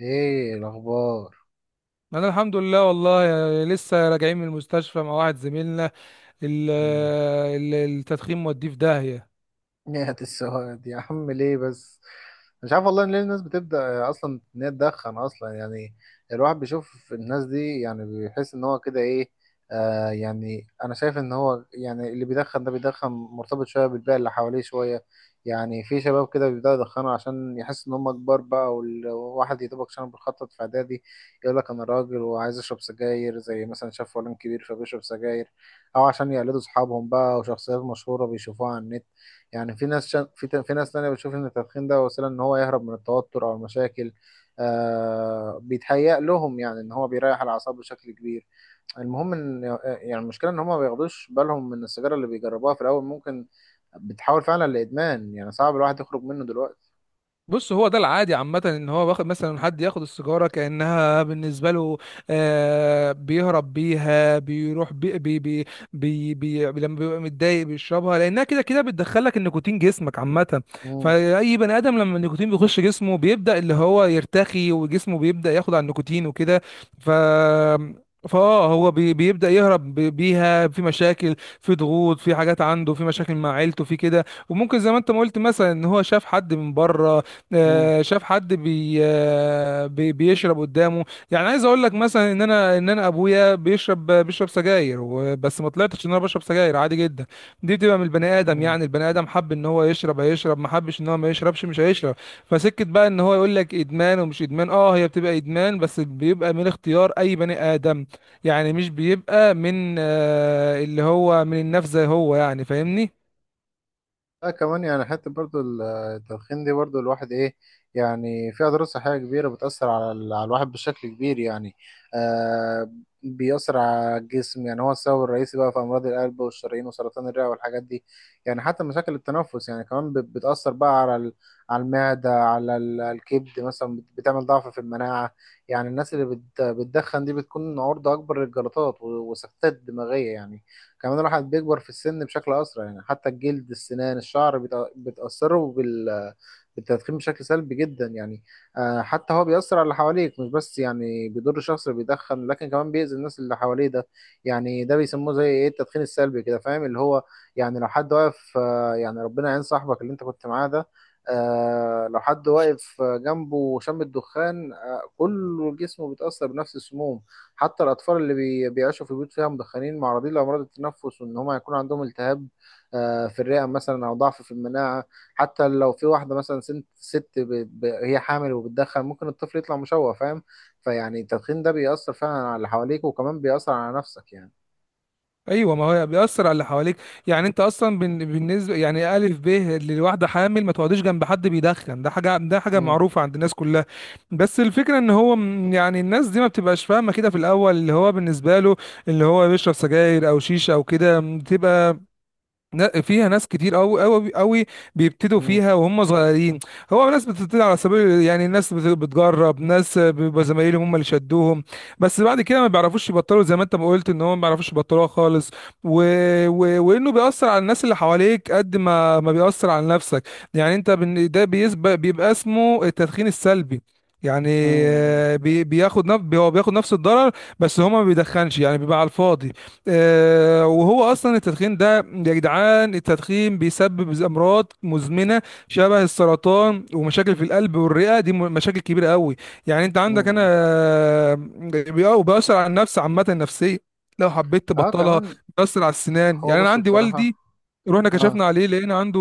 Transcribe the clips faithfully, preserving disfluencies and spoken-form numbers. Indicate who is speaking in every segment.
Speaker 1: ايه الاخبار؟
Speaker 2: انا الحمد لله والله، يا- لسه راجعين من المستشفى مع واحد زميلنا. ال-
Speaker 1: مم.
Speaker 2: ال- التدخين موديه في داهية.
Speaker 1: نهاية السواد يا عم، ليه بس؟ مش عارف والله ليه الناس بتبدأ أصلا إن هي تدخن أصلا، يعني. الواحد بيشوف الناس دي، يعني بيحس إن هو كده إيه. آه يعني أنا شايف إن هو، يعني اللي بيدخن ده بيدخن مرتبط شوية بالبيئة اللي حواليه شوية. يعني في شباب كده بيبدأوا يدخنوا عشان يحس إن هم كبار بقى، وال- والواحد يا دوبك عشان بيخطط في إعدادي. يقول لك أنا راجل وعايز أشرب سجاير، زي مثلا شاف فلان كبير فبيشرب سجاير. أو عشان يقلدوا أصحابهم بقى وشخصيات مشهورة بيشوفوها على النت. يعني في ناس شا... في ت- في ناس تانية بتشوف ان التدخين ده وسيلة ان هو يهرب من التوتر او المشاكل. آه بيتهيأ لهم يعني ان هو بيريح الاعصاب بشكل كبير. المهم ان، يعني المشكلة ان هم ما بياخدوش بالهم من السيجارة اللي بيجربوها في الاول، ممكن بتحول فعلا لادمان، يعني صعب الواحد يخرج منه دلوقتي.
Speaker 2: بص، هو ده العادي عامة، ان هو واخد مثلا، حد ياخد السيجارة كأنها بالنسبة له آه بيهرب بيها، بيروح بي بي بي بي بي لما بيبقى متضايق بيشربها، لأنها كده كده بتدخلك النيكوتين جسمك عامة.
Speaker 1: مم.
Speaker 2: فأي بني آدم لما النيكوتين بيخش جسمه بيبدأ اللي هو يرتخي، وجسمه بيبدأ ياخد على النيكوتين وكده. ف فاه هو بي بيبدأ يهرب بي- بيها، في مشاكل، في ضغوط، في حاجات عنده، في مشاكل مع عيلته، في كده. وممكن زي ما انت ما قلت مثلا ان هو شاف حد من بره،
Speaker 1: مم.
Speaker 2: آه، شاف حد بي آه، بي- بيشرب قدامه. يعني عايز اقول لك مثلا ان انا ان انا ابويا بيشرب بيشرب سجاير و- بس ما طلعتش ان انا بشرب سجاير، عادي جدا. دي بتبقى من البني ادم،
Speaker 1: مم.
Speaker 2: يعني البني ادم حب ان هو يشرب هيشرب، ما حبش ان هو ما يشربش مش هيشرب. فسكت بقى ان هو يقول لك ادمان ومش ادمان، اه هي بتبقى ادمان بس بيبقى من اختيار اي بني ادم. يعني مش بيبقى من آه، اللي هو من النفس زي هو، يعني فاهمني؟
Speaker 1: لا كمان يعني، حتى برضو ال- التدخين دي برضو الواحد ايه. يعني في اضرار صحيه كبيره بتاثر على ال- على الواحد بشكل كبير يعني. آه بيأثر على الجسم، يعني هو السبب الرئيسي بقى في امراض القلب والشرايين وسرطان الرئه والحاجات دي. يعني حتى مشاكل التنفس يعني كمان بت- بتأثر بقى على ال- على المعده، على ال- الكبد مثلا بت- بتعمل ضعف في المناعه. يعني الناس اللي بت- بتدخن دي بتكون عرضه اكبر للجلطات و- وسكتات دماغيه يعني. كمان الواحد بيكبر في السن بشكل اسرع، يعني حتى الجلد السنان الشعر بيتأ- بتاثروا بال بالتدخين بشكل سلبي جدا يعني. آه، حتى هو بيأثر على اللي حواليك، مش بس يعني بيضر الشخص اللي بيدخن، لكن كمان بيأذي الناس اللي حواليه ده. يعني ده بيسموه زي ايه، التدخين السلبي كده، فاهم اللي هو. يعني لو حد واقف، آه، يعني ربنا يعين صاحبك اللي انت كنت معاه ده. آه، لو حد واقف جنبه وشم الدخان، آه، كل جسمه بيتأثر بنفس السموم. حتى الأطفال اللي بي- بيعيشوا في بيوت فيها مدخنين معرضين لأمراض التنفس، وإن هم هيكون عندهم التهاب آه، في الرئة مثلا أو ضعف في المناعة. حتى لو في واحدة مثلا سنت ست ب- ب- هي حامل وبتدخن، ممكن الطفل يطلع مشوه، فاهم. فيعني التدخين ده بيأثر فعلا على اللي حواليك، وكمان بيأثر على نفسك يعني.
Speaker 2: ايوه، ما هو بيأثر على اللي حواليك. يعني انت اصلا بن- بالنسبه يعني الف ب، للواحده حامل ما تقعديش جنب حد بيدخن، ده حاجه، ده حاجه
Speaker 1: مم.
Speaker 2: معروفه عند الناس كلها. بس الفكره ان هو م- يعني الناس دي ما بتبقاش فاهمه كده في الاول. اللي هو بالنسبه له، اللي هو بيشرب سجاير او شيشه او كده، بتبقى نا- فيها ناس كتير قوي قوي قوي بيبتدوا
Speaker 1: مم.
Speaker 2: فيها وهم صغيرين. هو ناس بتبتدي على سبيل، يعني ناس بت- بتجرب، ناس بيبقى زمايلهم هم اللي شدوهم، بس بعد كده ما بيعرفوش يبطلوا، زي ما انت ما قلت ان هم ما بيعرفوش يبطلوها خالص. و... و... وانه بيأثر على الناس اللي حواليك قد ما ما بيأثر على نفسك. يعني انت بن... ده بيسبق بيبقى اسمه التدخين السلبي يعني.
Speaker 1: مم.
Speaker 2: آه، بي... بياخد نف... هو بياخد نفس الضرر، بس هو ما بيدخنش يعني، بيبقى على الفاضي. آه، وهو اصلا التدخين ده يا جدعان، التدخين بيسبب امراض مزمنه شبه السرطان ومشاكل في القلب والرئه، دي م- مشاكل كبيره قوي. يعني انت عندك انا.
Speaker 1: مم.
Speaker 2: آه، بي- بيأثر على النفس عامه، النفسيه لو حبيت
Speaker 1: اه
Speaker 2: تبطلها.
Speaker 1: كمان.
Speaker 2: بيأثر على السنان،
Speaker 1: هو
Speaker 2: يعني انا
Speaker 1: بص
Speaker 2: عندي
Speaker 1: بصراحة.
Speaker 2: والدي، رحنا
Speaker 1: اه.
Speaker 2: كشفنا عليه لقينا عنده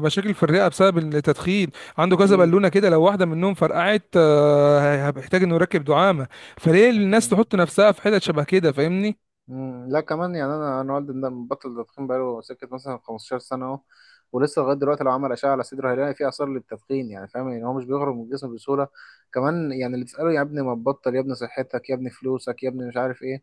Speaker 2: مشاكل في الرئه بسبب التدخين. عنده كذا
Speaker 1: أكيد.
Speaker 2: بالونه كده، لو واحده منهم فرقعت آه، هيحتاج انه يركب دعامه. فليه الناس
Speaker 1: أكيد.
Speaker 2: تحط نفسها في حتت شبه كده؟ فاهمني؟
Speaker 1: مم. لا كمان يعني، انا انا والدي ده مبطل تدخين بقاله سكه مثلا خمستاشر سنه اهو. ولسه لغايه دلوقتي لو عمل اشعه على صدره هيلاقي فيه اثار للتدخين، يعني فاهم. يعني هو مش بيخرج من الجسم بسهوله. كمان يعني اللي تساله يا ابني ما تبطل، يا ابني صحتك، يا ابني فلوسك، يا ابني مش عارف ايه.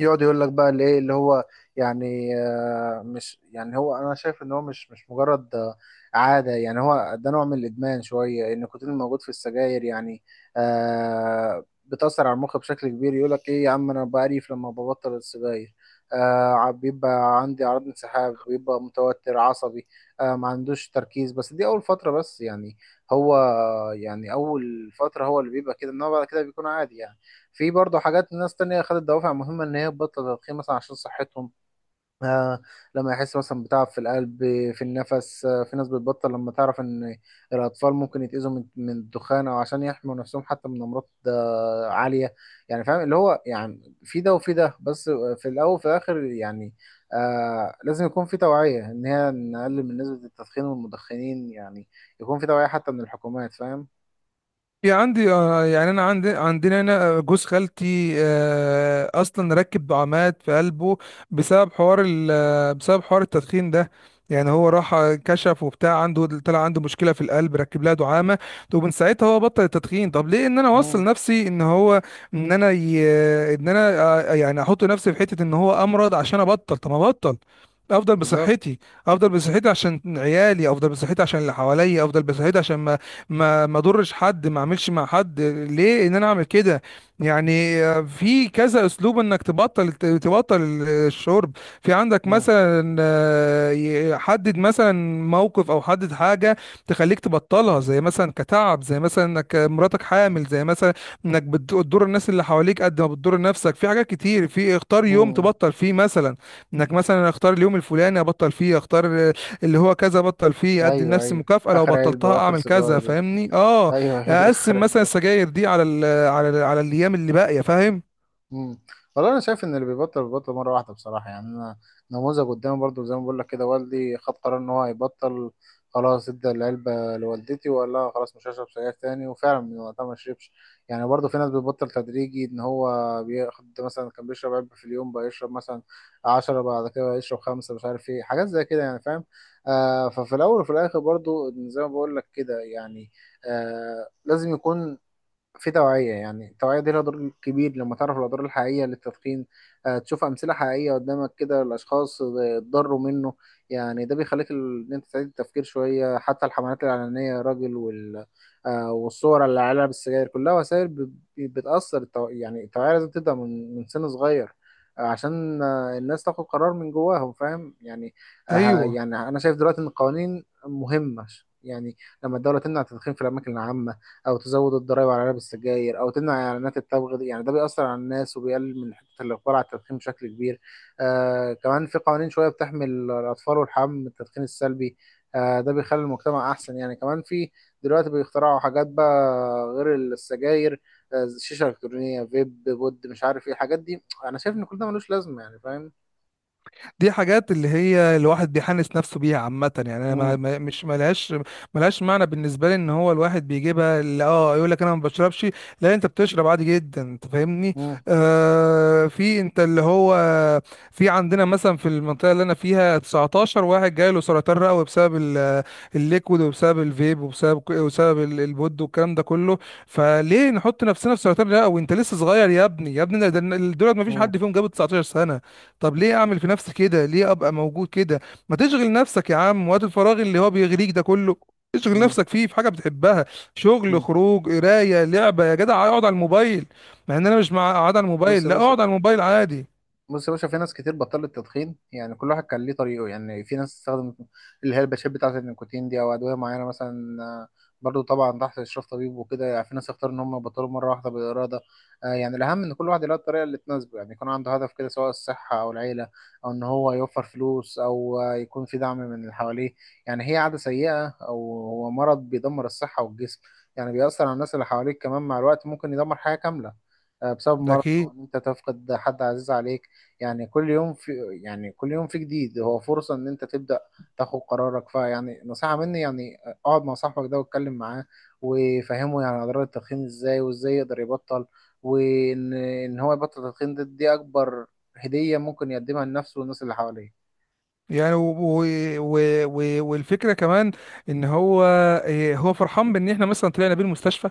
Speaker 1: يقعد يقول لك بقى اللي ايه اللي هو، يعني آه، مش يعني هو، انا شايف ان هو مش مش مجرد آه، عاده. يعني هو ده نوع من الادمان شويه، ان النيكوتين الموجود في السجاير يعني آه بتاثر على المخ بشكل كبير. يقول لك ايه يا عم، انا بعرف لما ببطل السجاير آه ع- بيبقى عندي اعراض انسحاب، بيبقى متوتر عصبي آه ما عندوش تركيز، بس دي اول فتره بس يعني. هو يعني اول فتره هو اللي بيبقى كده، انما بعد كده بيكون عادي يعني. في برضه حاجات، ناس تانية خدت دوافع مهمة إن هي تبطل تدخين، مثلا عشان صحتهم آه لما يحس مثلا بتعب في القلب، في النفس. آه في ناس بتبطل لما تعرف إن الأطفال ممكن يتأذوا من, من الدخان، أو عشان يحموا نفسهم حتى من أمراض آه، عالية. يعني فاهم اللي هو، يعني في ده وفي ده بس. في الأول وفي الآخر يعني آه لازم يكون في توعية، إن هي نقلل من نسبة التدخين والمدخنين يعني. يكون في توعية حتى من الحكومات، فاهم؟
Speaker 2: في عندي، آه، يعني انا عندي، عندنا هنا جوز خالتي آه، اصلا ركب عماد في قلبه بسبب حوار ال- آه، بسبب حوار التدخين ده. يعني هو راح كشف وبتاع، عنده طلع عنده مشكله في القلب، ركب لها دعامه، ومن ساعتها هو بطل التدخين. طب ليه ان انا
Speaker 1: مم.
Speaker 2: اوصل نفسي ان هو، ان انا ي... ان انا آه، يعني احط نفسي في حته ان هو امرض عشان ابطل؟ طب ما ابطل افضل
Speaker 1: بالظبط.
Speaker 2: بصحتي. افضل بصحتي عشان عيالي، افضل بصحتي عشان اللي حواليا، افضل بصحتي عشان ما ما اضرش حد، ما اعملش مع حد. ليه ان انا اعمل كده؟ يعني آه، في كذا اسلوب انك تبطل تبطل الشرب. في عندك
Speaker 1: مم.
Speaker 2: مثلا، آه، ي- حدد مثلا موقف او حدد حاجه تخليك تبطلها، زي مثلا كتعب، زي مثلا انك مراتك حامل، زي مثلا انك بت- بتضر الناس اللي حواليك قد ما بتضر نفسك. في حاجات كتير، في اختار يوم
Speaker 1: مم.
Speaker 2: تبطل فيه مثلا، انك مثلا اختار اليوم الفلاني ابطل فيه، اختار اللي هو كذا بطل فيه، ادي
Speaker 1: ايوه
Speaker 2: لنفسي
Speaker 1: ايوه،
Speaker 2: مكافأة لو
Speaker 1: اخر علبه
Speaker 2: بطلتها
Speaker 1: واخر
Speaker 2: اعمل كذا،
Speaker 1: سيجاره دي.
Speaker 2: فاهمني؟ اه.
Speaker 1: ايوه يقول لك اخر
Speaker 2: اقسم مثلا
Speaker 1: علبه.
Speaker 2: السجاير دي على ال على ال على الايام اللي باقية، فاهم؟
Speaker 1: مم. والله انا شايف ان اللي بيبطل بيبطل مره واحده بصراحه. يعني انا نموذج قدامي برضو، زي ما بقول لك كده، والدي خد قرار ان هو هيبطل، خلاص ادى العلبه لوالدتي وقال لها خلاص مش هشرب سجاير تاني، وفعلا من وقتها ما شربش. يعني برضو في ناس بتبطل تدريجي، ان هو بياخد مثلا، كان بيشرب علبه في اليوم بقى يشرب مثلا عشرة، بعد كده يشرب خمسه، مش عارف ايه، حاجات زي كده يعني فاهم. آه ففي الاول وفي الاخر برضو زي ما بقول لك كده يعني آه لازم يكون في توعية. يعني التوعية دي لها دور كبير لما تعرف الأضرار الحقيقية للتدخين، آه، تشوف أمثلة حقيقية قدامك كده، الأشخاص اتضروا منه. يعني ده بيخليك ال- إن أنت تعيد التفكير شوية، حتى الحملات الإعلانية يا راجل وال... آه، والصور اللي عليها بالسجاير، كلها وسائل ب- بتأثر التو... يعني التوعية لازم تبدأ من من سن صغير، آه، عشان آه، الناس تاخد قرار من جواهم، فاهم يعني. آه،
Speaker 2: ايوه،
Speaker 1: يعني أنا شايف دلوقتي إن القوانين مهمة. يعني لما الدولة تمنع التدخين في الأماكن العامة، او تزود الضرائب على علب السجاير، او تمنع اعلانات التبغ دي، يعني ده بيأثر على الناس وبيقلل من حته الاقبال على التدخين بشكل كبير. آه كمان في قوانين شويه بتحمي الاطفال والحمام من التدخين السلبي، آه ده بيخلي المجتمع احسن يعني. كمان في دلوقتي بيخترعوا حاجات بقى غير السجاير، آه، شيشه الكترونيه، فيب، بود، مش عارف ايه الحاجات دي. انا شايف ان كل ده ملوش لازمه، يعني فاهم.
Speaker 2: دي حاجات اللي هي الواحد بيحنس نفسه بيها عامة. يعني انا
Speaker 1: امم.
Speaker 2: ما ما- مش ملهاش ملهاش معنى بالنسبة لي، ان هو الواحد بيجيبها، اللي اه يقول لك انا ما بشربش، لا انت بتشرب عادي جدا انت، فاهمني؟
Speaker 1: امم.
Speaker 2: آه، في انت اللي هو، في عندنا مثلا في المنطقة اللي انا فيها تسعة عشر واحد جاي له سرطان رئوي بسبب ال- الليكويد، وبسبب الفيب، وبسبب وبسبب ال- البود، والكلام ده كله. فليه نحط نفسنا في سرطان رئوي؟ انت لسه صغير يا ابني، يا ابني ده- ده- دولت ما فيش حد
Speaker 1: امم.
Speaker 2: فيهم جاب تسعتاشر سنة. طب ليه اعمل في نفسي كده؟ ليه ابقى موجود كده؟ ما تشغل نفسك يا عم، وقت الفراغ اللي هو بيغريك ده كله اشغل نفسك فيه في حاجه بتحبها. شغل،
Speaker 1: امم.
Speaker 2: خروج، قرايه، لعبه، يا جدع اقعد على الموبايل. مع ان انا مش مع اقعد على
Speaker 1: بص
Speaker 2: الموبايل،
Speaker 1: يا
Speaker 2: لا
Speaker 1: باشا،
Speaker 2: اقعد على الموبايل عادي.
Speaker 1: بص يا باشا، في ناس كتير بطلت تدخين. يعني كل واحد كان ليه طريقه، يعني في ناس استخدمت اللي هي الباتشات بتاعة النيكوتين دي، أو أدوية معينة مثلا آه، برضو طبعا تحت إشراف طبيب وكده. يعني في ناس اختاروا إن هم يبطلوا مرة واحدة بالإرادة. آه، يعني الأهم إن كل واحد يلاقي الطريقة اللي تناسبه، يعني يكون عنده هدف كده، سواء الصحة أو العيلة، أو إن هو يوفر فلوس، أو آه، يكون في دعم من اللي حواليه. يعني هي عادة سيئة، أو هو مرض بيدمر الصحة والجسم. يعني بيأثر على الناس اللي حواليك كمان، مع الوقت ممكن يدمر حياة كاملة آه، بسبب
Speaker 2: ده
Speaker 1: مرض أو
Speaker 2: كي.
Speaker 1: إن أنت تفقد حد عزيز عليك. يعني كل يوم في، يعني كل يوم في جديد هو فرصة ان انت تبدأ تاخد قرارك. فيعني نصيحة مني يعني، اقعد مع صاحبك ده واتكلم معاه وفهمه، يعني اضرار التدخين ازاي وازاي يقدر يبطل. وان ان هو يبطل التدخين دي, دي اكبر هدية ممكن يقدمها لنفسه والناس اللي حواليه.
Speaker 2: يعني و... و... و... و... والفكره كمان ان هو، إيه، هو فرحان بان احنا مثلا طلعنا بيه المستشفى؟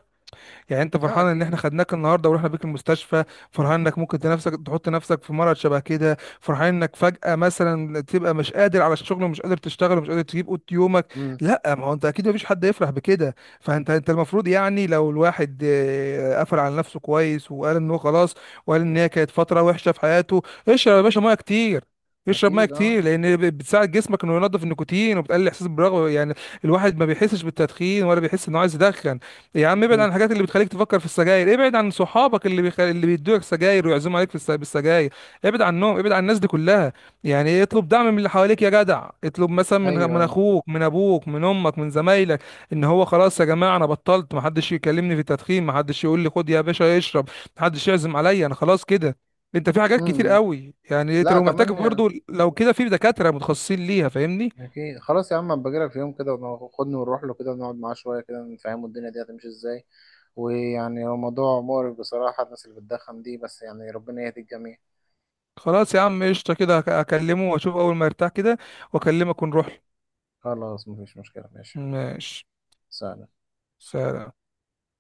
Speaker 2: يعني انت
Speaker 1: لا
Speaker 2: فرحان ان
Speaker 1: اكيد.
Speaker 2: احنا خدناك النهارده ورحنا بيك المستشفى؟ فرحان انك ممكن تنفسك تحط نفسك في مرض شبه كده؟ فرحان انك فجأة مثلا تبقى مش قادر على الشغل ومش قادر تشتغل ومش قادر تجيب قوت يومك؟
Speaker 1: امم.
Speaker 2: لا، ما هو انت اكيد مفيش حد يفرح بكده. فانت، انت المفروض يعني لو الواحد آه، قفل على نفسه كويس وقال ان هو خلاص، وقال ان هي كانت فترة وحشة في حياته. اشرب يا باشا ميه كتير، اشرب ميه
Speaker 1: اكيد اه.
Speaker 2: كتير لان ب- بتساعد جسمك انه ينظف النيكوتين وبتقلل الاحساس بالرغبه، يعني الواحد ما بيحسش بالتدخين ولا بيحس انه عايز يدخن. يا عم ابعد عن
Speaker 1: امم.
Speaker 2: الحاجات اللي بتخليك تفكر في السجاير، ابعد عن صحابك اللي بيخ... اللي بيدوك سجاير ويعزموا عليك في الس... بالسجاير. ابعد عنهم، ابعد عن الناس دي كلها. يعني إيه، اطلب دعم من اللي حواليك يا جدع. اطلب مثلا من
Speaker 1: ايوه
Speaker 2: من
Speaker 1: ايوه.
Speaker 2: اخوك، من ابوك، من امك، من زمايلك ان هو خلاص يا جماعه انا بطلت، محدش يكلمني في التدخين، محدش يقول لي خد يا باشا اشرب، محدش يعزم عليا، انا خلاص كده. انت، في حاجات كتير
Speaker 1: امم.
Speaker 2: قوي. يعني انت
Speaker 1: لا
Speaker 2: لو محتاج
Speaker 1: كمان يعني.
Speaker 2: برضو لو كده في دكاتره متخصصين ليها، فاهمني؟
Speaker 1: أكيد، خلاص يا عم، أما بجيلك في يوم كده وخدني ونروح له كده ونقعد معاه شوية كده نفهمه الدنيا دي هتمشي إزاي. ويعني هو موضوع مقرف بصراحة، الناس اللي بتدخن دي، بس يعني ربنا يهدي الجميع.
Speaker 2: خلاص يا عم قشطه كده، هك- هكلمه واشوف اول ما يرتاح كده واكلمك ونروح.
Speaker 1: خلاص مفيش مشكلة، ماشي حبيبي.
Speaker 2: ماشي.
Speaker 1: سلام.
Speaker 2: سلام.